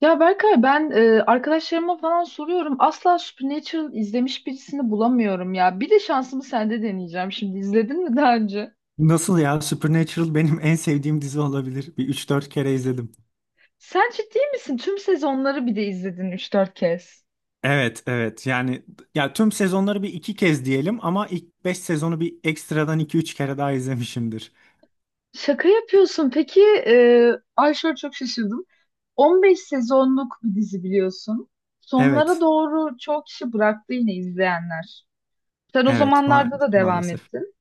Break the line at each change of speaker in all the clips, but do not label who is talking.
Ya Berkay ben arkadaşlarıma falan soruyorum. Asla Supernatural izlemiş birisini bulamıyorum ya. Bir de şansımı sende deneyeceğim şimdi. İzledin mi daha önce?
Nasıl ya? Supernatural benim en sevdiğim dizi olabilir. Üç dört kere izledim.
Sen ciddi misin? Tüm sezonları bir de izledin üç dört kez.
Evet, evet. Yani ya tüm sezonları bir iki kez diyelim ama ilk 5 sezonu bir ekstradan iki üç kere daha izlemişimdir.
Şaka yapıyorsun. Peki ay şöyle çok şaşırdım. 15 sezonluk bir dizi biliyorsun. Sonlara
Evet,
doğru çok kişi bıraktı yine izleyenler. Sen o
evet, ma
zamanlarda da devam
maalesef.
ettin.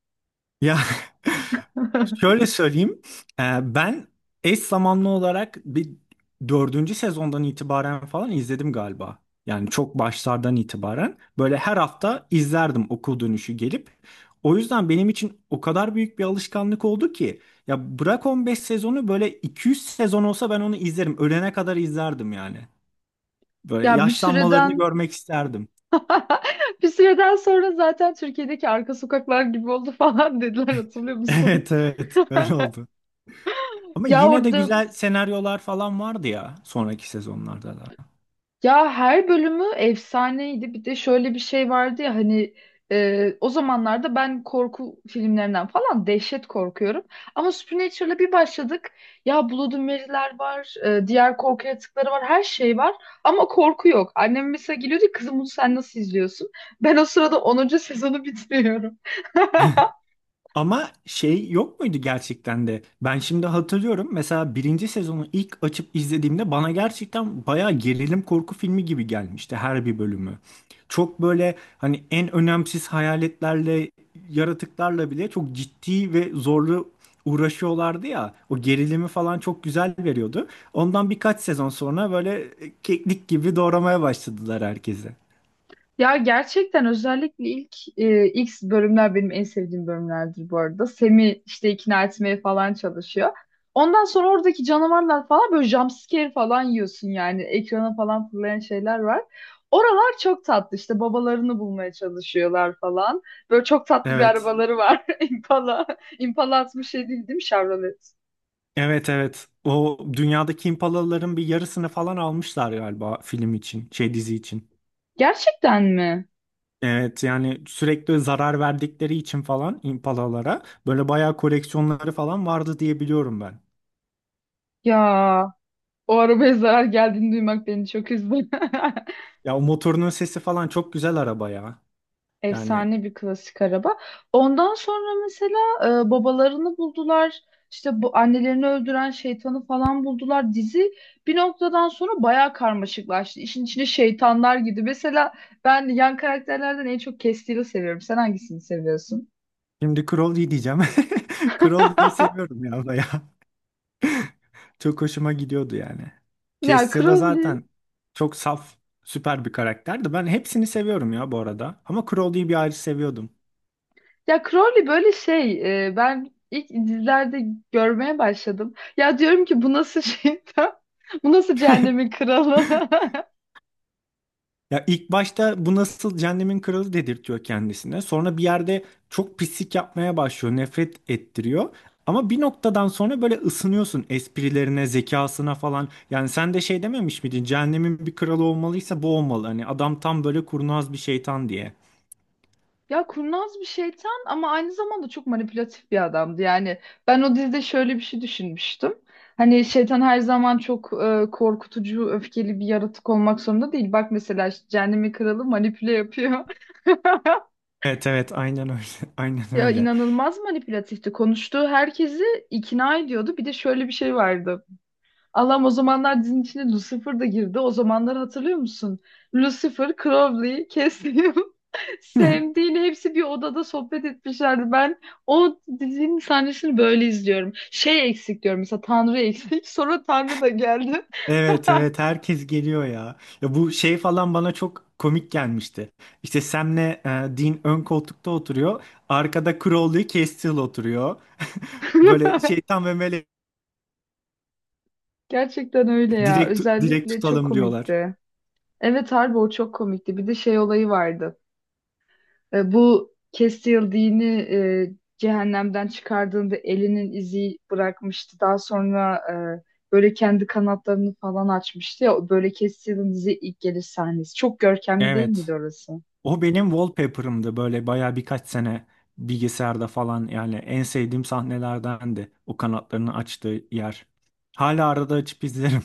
Ya, şöyle söyleyeyim. Ben eş zamanlı olarak dördüncü sezondan itibaren falan izledim galiba. Yani çok başlardan itibaren. Böyle her hafta izlerdim okul dönüşü gelip. O yüzden benim için o kadar büyük bir alışkanlık oldu ki. Ya bırak 15 sezonu, böyle 200 sezon olsa ben onu izlerim. Ölene kadar izlerdim yani. Böyle
Ya bir
yaşlanmalarını
süreden
görmek isterdim.
Bir süreden sonra zaten Türkiye'deki arka sokaklar gibi oldu falan dediler hatırlıyor musun?
Evet, evet, öyle oldu. Ama
Ya
yine de
orada
güzel senaryolar falan vardı ya sonraki sezonlarda da.
ya her bölümü efsaneydi. Bir de şöyle bir şey vardı ya hani o zamanlarda ben korku filmlerinden falan dehşet korkuyorum. Ama Supernatural'a bir başladık. Ya Bloody Mary'ler var, diğer korku yaratıkları var, her şey var. Ama korku yok. Annem mesela geliyordu, kızım bunu sen nasıl izliyorsun? Ben o sırada onuncu sezonu bitiriyorum.
Ama şey yok muydu gerçekten de? Ben şimdi hatırlıyorum, mesela birinci sezonu ilk açıp izlediğimde bana gerçekten bayağı gerilim korku filmi gibi gelmişti her bir bölümü. Çok böyle hani en önemsiz hayaletlerle, yaratıklarla bile çok ciddi ve zorlu uğraşıyorlardı ya. O gerilimi falan çok güzel veriyordu. Ondan birkaç sezon sonra böyle keklik gibi doğramaya başladılar herkese.
Ya gerçekten özellikle ilk bölümler benim en sevdiğim bölümlerdir bu arada. Semi işte ikna etmeye falan çalışıyor. Ondan sonra oradaki canavarlar falan böyle jumpscare falan yiyorsun yani. Ekrana falan fırlayan şeyler var. Oralar çok tatlı, işte babalarını bulmaya çalışıyorlar falan. Böyle çok tatlı bir
Evet.
arabaları var. Impala. Impala 67 değil mi Chevrolet?
Evet, evet. O dünyadaki impalaların bir yarısını falan almışlar galiba film için, şey dizi için.
Gerçekten mi?
Evet, yani sürekli zarar verdikleri için falan impalalara böyle bayağı koleksiyonları falan vardı diye biliyorum ben.
Ya o arabaya zarar geldiğini duymak beni çok üzdü.
Ya o motorunun sesi falan çok güzel araba ya. Yani
Efsane bir klasik araba. Ondan sonra mesela babalarını buldular. İşte bu annelerini öldüren şeytanı falan buldular. Dizi bir noktadan sonra bayağı karmaşıklaştı. İşin içine şeytanlar girdi. Mesela ben yan karakterlerden en çok Castiel'i seviyorum. Sen hangisini seviyorsun?
şimdi Crowley diyeceğim. Crowley'i seviyorum ya bayağı. Çok hoşuma gidiyordu yani.
Ya
Castiel'la
Crowley.
zaten çok saf, süper bir karakterdi. Ben hepsini seviyorum ya bu arada. Ama Crowley'i bir ayrı seviyordum.
Ya Crowley böyle şey. Ben ilk dizilerde görmeye başladım. Ya diyorum ki bu nasıl şeytan? Bu nasıl cehennemin kralı?
Ya ilk başta bu nasıl cehennemin kralı dedirtiyor kendisine. Sonra bir yerde çok pislik yapmaya başlıyor, nefret ettiriyor. Ama bir noktadan sonra böyle ısınıyorsun esprilerine, zekasına falan. Yani sen de şey dememiş miydin? Cehennemin bir kralı olmalıysa bu olmalı. Hani adam tam böyle kurnaz bir şeytan diye.
Ya kurnaz bir şeytan ama aynı zamanda çok manipülatif bir adamdı. Yani ben o dizide şöyle bir şey düşünmüştüm. Hani şeytan her zaman çok korkutucu, öfkeli bir yaratık olmak zorunda değil. Bak mesela işte Cehennemin Kralı manipüle yapıyor.
Evet, evet, aynen öyle. Aynen
Ya
öyle.
inanılmaz manipülatifti. Konuştuğu herkesi ikna ediyordu. Bir de şöyle bir şey vardı. Allah'ım, o zamanlar dizinin içine Lucifer da girdi. O zamanları hatırlıyor musun? Lucifer, Crowley, Cassium, Sam, Dean hepsi bir odada sohbet etmişlerdi. Ben o dizinin sahnesini böyle izliyorum. Şey eksik diyorum, mesela Tanrı eksik. Sonra Tanrı da geldi.
Evet, evet, herkes geliyor ya. Ya bu şey falan bana çok komik gelmişti. İşte Sam'le Dean ön koltukta oturuyor. Arkada Crowley, Castiel oturuyor. Böyle şeytan ve melek
Gerçekten öyle ya.
direkt direkt
Özellikle çok
tutalım diyorlar.
komikti. Evet harbi o çok komikti. Bir de şey olayı vardı. Bu Castiel dini cehennemden çıkardığında elinin izi bırakmıştı. Daha sonra böyle kendi kanatlarını falan açmıştı ya. Böyle Castiel'in dizi ilk geliş sahnesi. Çok görkemli değil miydi
Evet.
orası?
O benim wallpaper'ımdı böyle bayağı birkaç sene bilgisayarda falan, yani en sevdiğim sahnelerdendi. O kanatlarını açtığı yer. Hala arada açıp izlerim.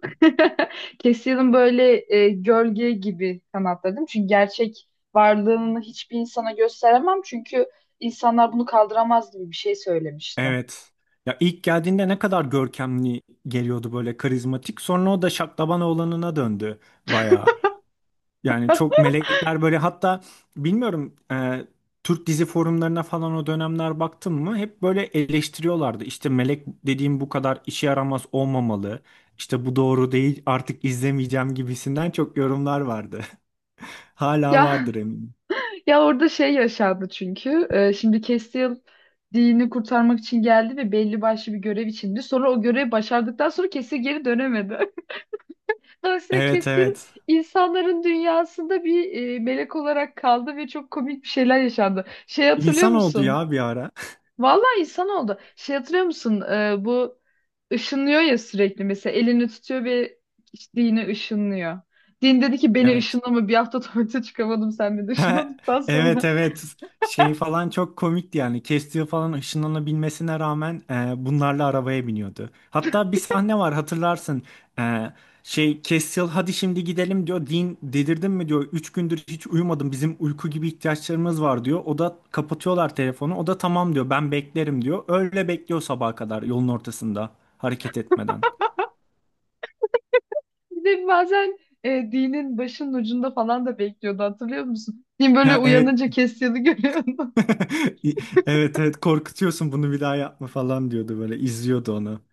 Castiel'in böyle gölge gibi kanatları değil mi? Çünkü gerçek varlığını hiçbir insana gösteremem. Çünkü insanlar bunu kaldıramaz gibi bir şey söylemişti.
Evet. Ya ilk geldiğinde ne kadar görkemli geliyordu, böyle karizmatik. Sonra o da şaklaban oğlanına döndü bayağı. Yani çok melekler böyle, hatta bilmiyorum, Türk dizi forumlarına falan o dönemler baktım mı hep böyle eleştiriyorlardı. İşte melek dediğim bu kadar işe yaramaz olmamalı. İşte bu doğru değil, artık izlemeyeceğim gibisinden çok yorumlar vardı. Hala
Ya
vardır eminim.
Ya orada şey yaşandı çünkü. Şimdi Castiel dini kurtarmak için geldi ve belli başlı bir görev içindi. Sonra o görevi başardıktan sonra Castiel geri dönemedi. Dolayısıyla
Evet,
Castiel
evet.
insanların dünyasında bir melek olarak kaldı ve çok komik bir şeyler yaşandı. Şey hatırlıyor
İnsan oldu
musun?
ya bir ara.
Vallahi insan oldu. Şey hatırlıyor musun? Bu ışınlıyor ya, sürekli mesela elini tutuyor ve işte dini ışınlıyor. Din dedi ki beni
Evet.
ışınlama, bir hafta tuvalete çıkamadım sen beni ışınladıktan
Evet,
sonra.
evet, şey falan çok komikti, yani kestiği falan ışınlanabilmesine rağmen bunlarla arabaya biniyordu. Hatta bir sahne var, hatırlarsın. E, Şey Castiel hadi şimdi gidelim diyor, Dean delirdin mi diyor, 3 gündür hiç uyumadım, bizim uyku gibi ihtiyaçlarımız var diyor. O da kapatıyorlar telefonu, o da tamam diyor, ben beklerim diyor, öyle bekliyor sabaha kadar yolun ortasında hareket etmeden.
Bir de bazen dinin başının ucunda falan da bekliyordu hatırlıyor musun? Din böyle
Ha, evet.
uyanınca kestiğini görüyordum.
Evet, evet, korkutuyorsun bunu, bir daha yapma falan diyordu, böyle izliyordu onu.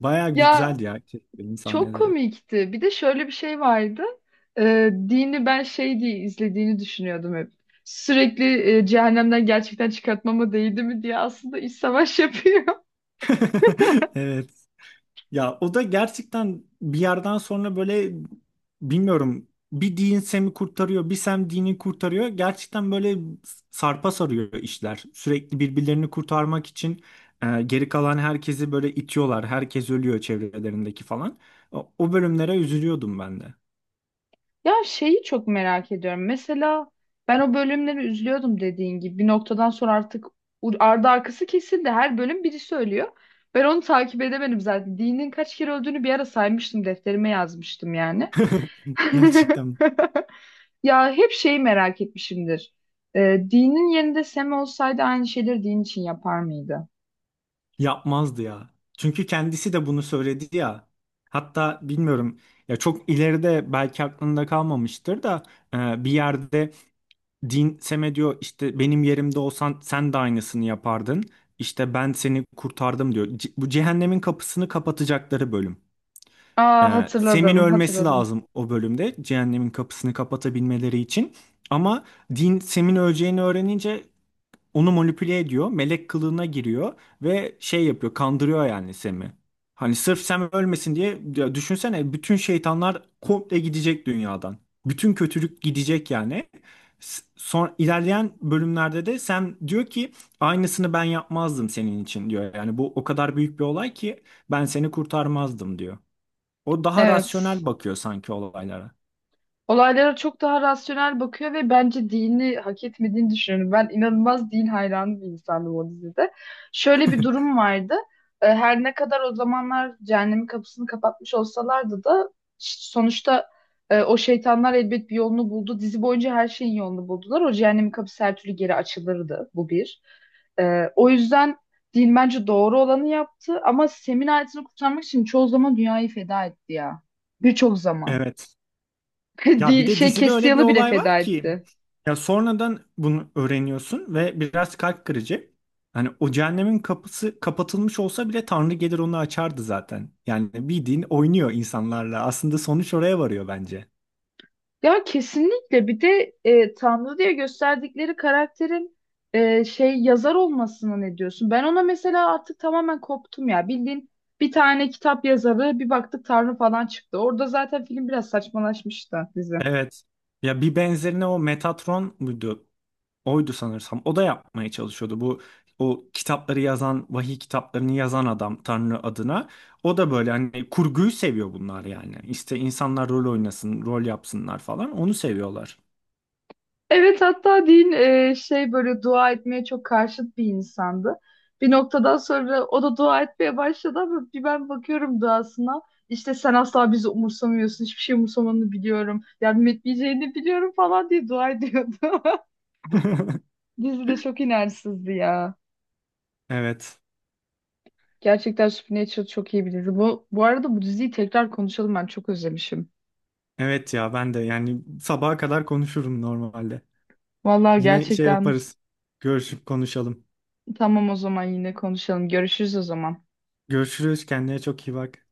Baya
Ya
güzeldi ya çektiğim
çok
sahneleri.
komikti. Bir de şöyle bir şey vardı. Dini ben şey diye izlediğini düşünüyordum hep. Sürekli cehennemden gerçekten çıkartmama değdi mi diye aslında iç savaş yapıyor.
Evet. Ya o da gerçekten bir yerden sonra böyle, bilmiyorum, bir Dean Sam'i kurtarıyor, bir Sam Dean'i kurtarıyor. Gerçekten böyle sarpa sarıyor işler. Sürekli birbirlerini kurtarmak için geri kalan herkesi böyle itiyorlar. Herkes ölüyor çevrelerindeki falan. O bölümlere üzülüyordum ben de.
Ya şeyi çok merak ediyorum. Mesela ben o bölümleri üzülüyordum dediğin gibi. Bir noktadan sonra artık ardı arkası kesildi. Her bölüm biri söylüyor. Ben onu takip edemedim zaten. Dean'in kaç kere öldüğünü bir ara saymıştım. Defterime yazmıştım yani.
Gerçekten.
Ya hep şeyi merak etmişimdir. Dean'in yerinde Sam olsaydı aynı şeyleri Dean için yapar mıydı?
Yapmazdı ya. Çünkü kendisi de bunu söyledi ya. Hatta bilmiyorum, ya çok ileride belki aklında kalmamıştır da, bir yerde din Sem'e diyor, işte benim yerimde olsan sen de aynısını yapardın. İşte ben seni kurtardım diyor. Bu cehennemin kapısını kapatacakları bölüm.
Aa
E, Sem'in
hatırladım,
ölmesi
hatırladım.
lazım o bölümde cehennemin kapısını kapatabilmeleri için. Ama din Sem'in öleceğini öğrenince onu manipüle ediyor. Melek kılığına giriyor ve şey yapıyor, kandırıyor yani Sem'i. Hani sırf Sem ölmesin diye, ya düşünsene bütün şeytanlar komple gidecek dünyadan. Bütün kötülük gidecek yani. Son ilerleyen bölümlerde de Sem diyor ki aynısını ben yapmazdım senin için diyor. Yani bu o kadar büyük bir olay ki ben seni kurtarmazdım diyor. O daha
Evet.
rasyonel bakıyor sanki olaylara.
Olaylara çok daha rasyonel bakıyor ve bence dini hak etmediğini düşünüyorum. Ben inanılmaz din hayranı bir insandım o dizide. Şöyle bir durum vardı. E, her ne kadar o zamanlar cehennemin kapısını kapatmış olsalardı da sonuçta o şeytanlar elbet bir yolunu buldu. Dizi boyunca her şeyin yolunu buldular. O cehennemin kapısı her türlü geri açılırdı. Bu bir. E, O yüzden din bence doğru olanı yaptı ama Sem'in ailesini kurtarmak için çoğu zaman dünyayı feda etti ya. Birçok zaman.
Evet. Ya bir de
Şey
dizide öyle bir
Kestiyalı bile
olay var
feda
ki,
etti.
ya sonradan bunu öğreniyorsun ve biraz kalp kırıcı. Hani o cehennemin kapısı kapatılmış olsa bile Tanrı gelir onu açardı zaten. Yani bildiğin oynuyor insanlarla. Aslında sonuç oraya varıyor bence.
Ya kesinlikle, bir de Tanrı diye gösterdikleri karakterin şey yazar olmasına ne diyorsun? Ben ona mesela artık tamamen koptum ya. Bildiğin bir tane kitap yazarı, bir baktık Tanrı falan çıktı. Orada zaten film biraz saçmalaşmıştı, dizi.
Evet. Ya bir benzerine, o Metatron muydu? Oydu sanırsam. O da yapmaya çalışıyordu. Bu o kitapları yazan, vahiy kitaplarını yazan adam Tanrı adına. O da böyle hani kurguyu seviyor bunlar yani. İşte insanlar rol oynasın, rol yapsınlar falan. Onu seviyorlar.
Evet hatta din şey böyle dua etmeye çok karşıt bir insandı. Bir noktadan sonra o da dua etmeye başladı ama bir ben bakıyorum duasına. İşte sen asla bizi umursamıyorsun. Hiçbir şey umursamanı biliyorum. Yardım etmeyeceğini biliyorum falan diye dua ediyordu. Dizi de çok inançsızdı ya.
Evet.
Gerçekten Supernatural çok iyi bir dizi. Bu arada bu diziyi tekrar konuşalım, ben çok özlemişim.
Evet ya, ben de yani sabaha kadar konuşurum normalde.
Vallahi
Yine şey
gerçekten
yaparız. Görüşüp konuşalım.
tamam, o zaman yine konuşalım. Görüşürüz o zaman.
Görüşürüz. Kendine çok iyi bak.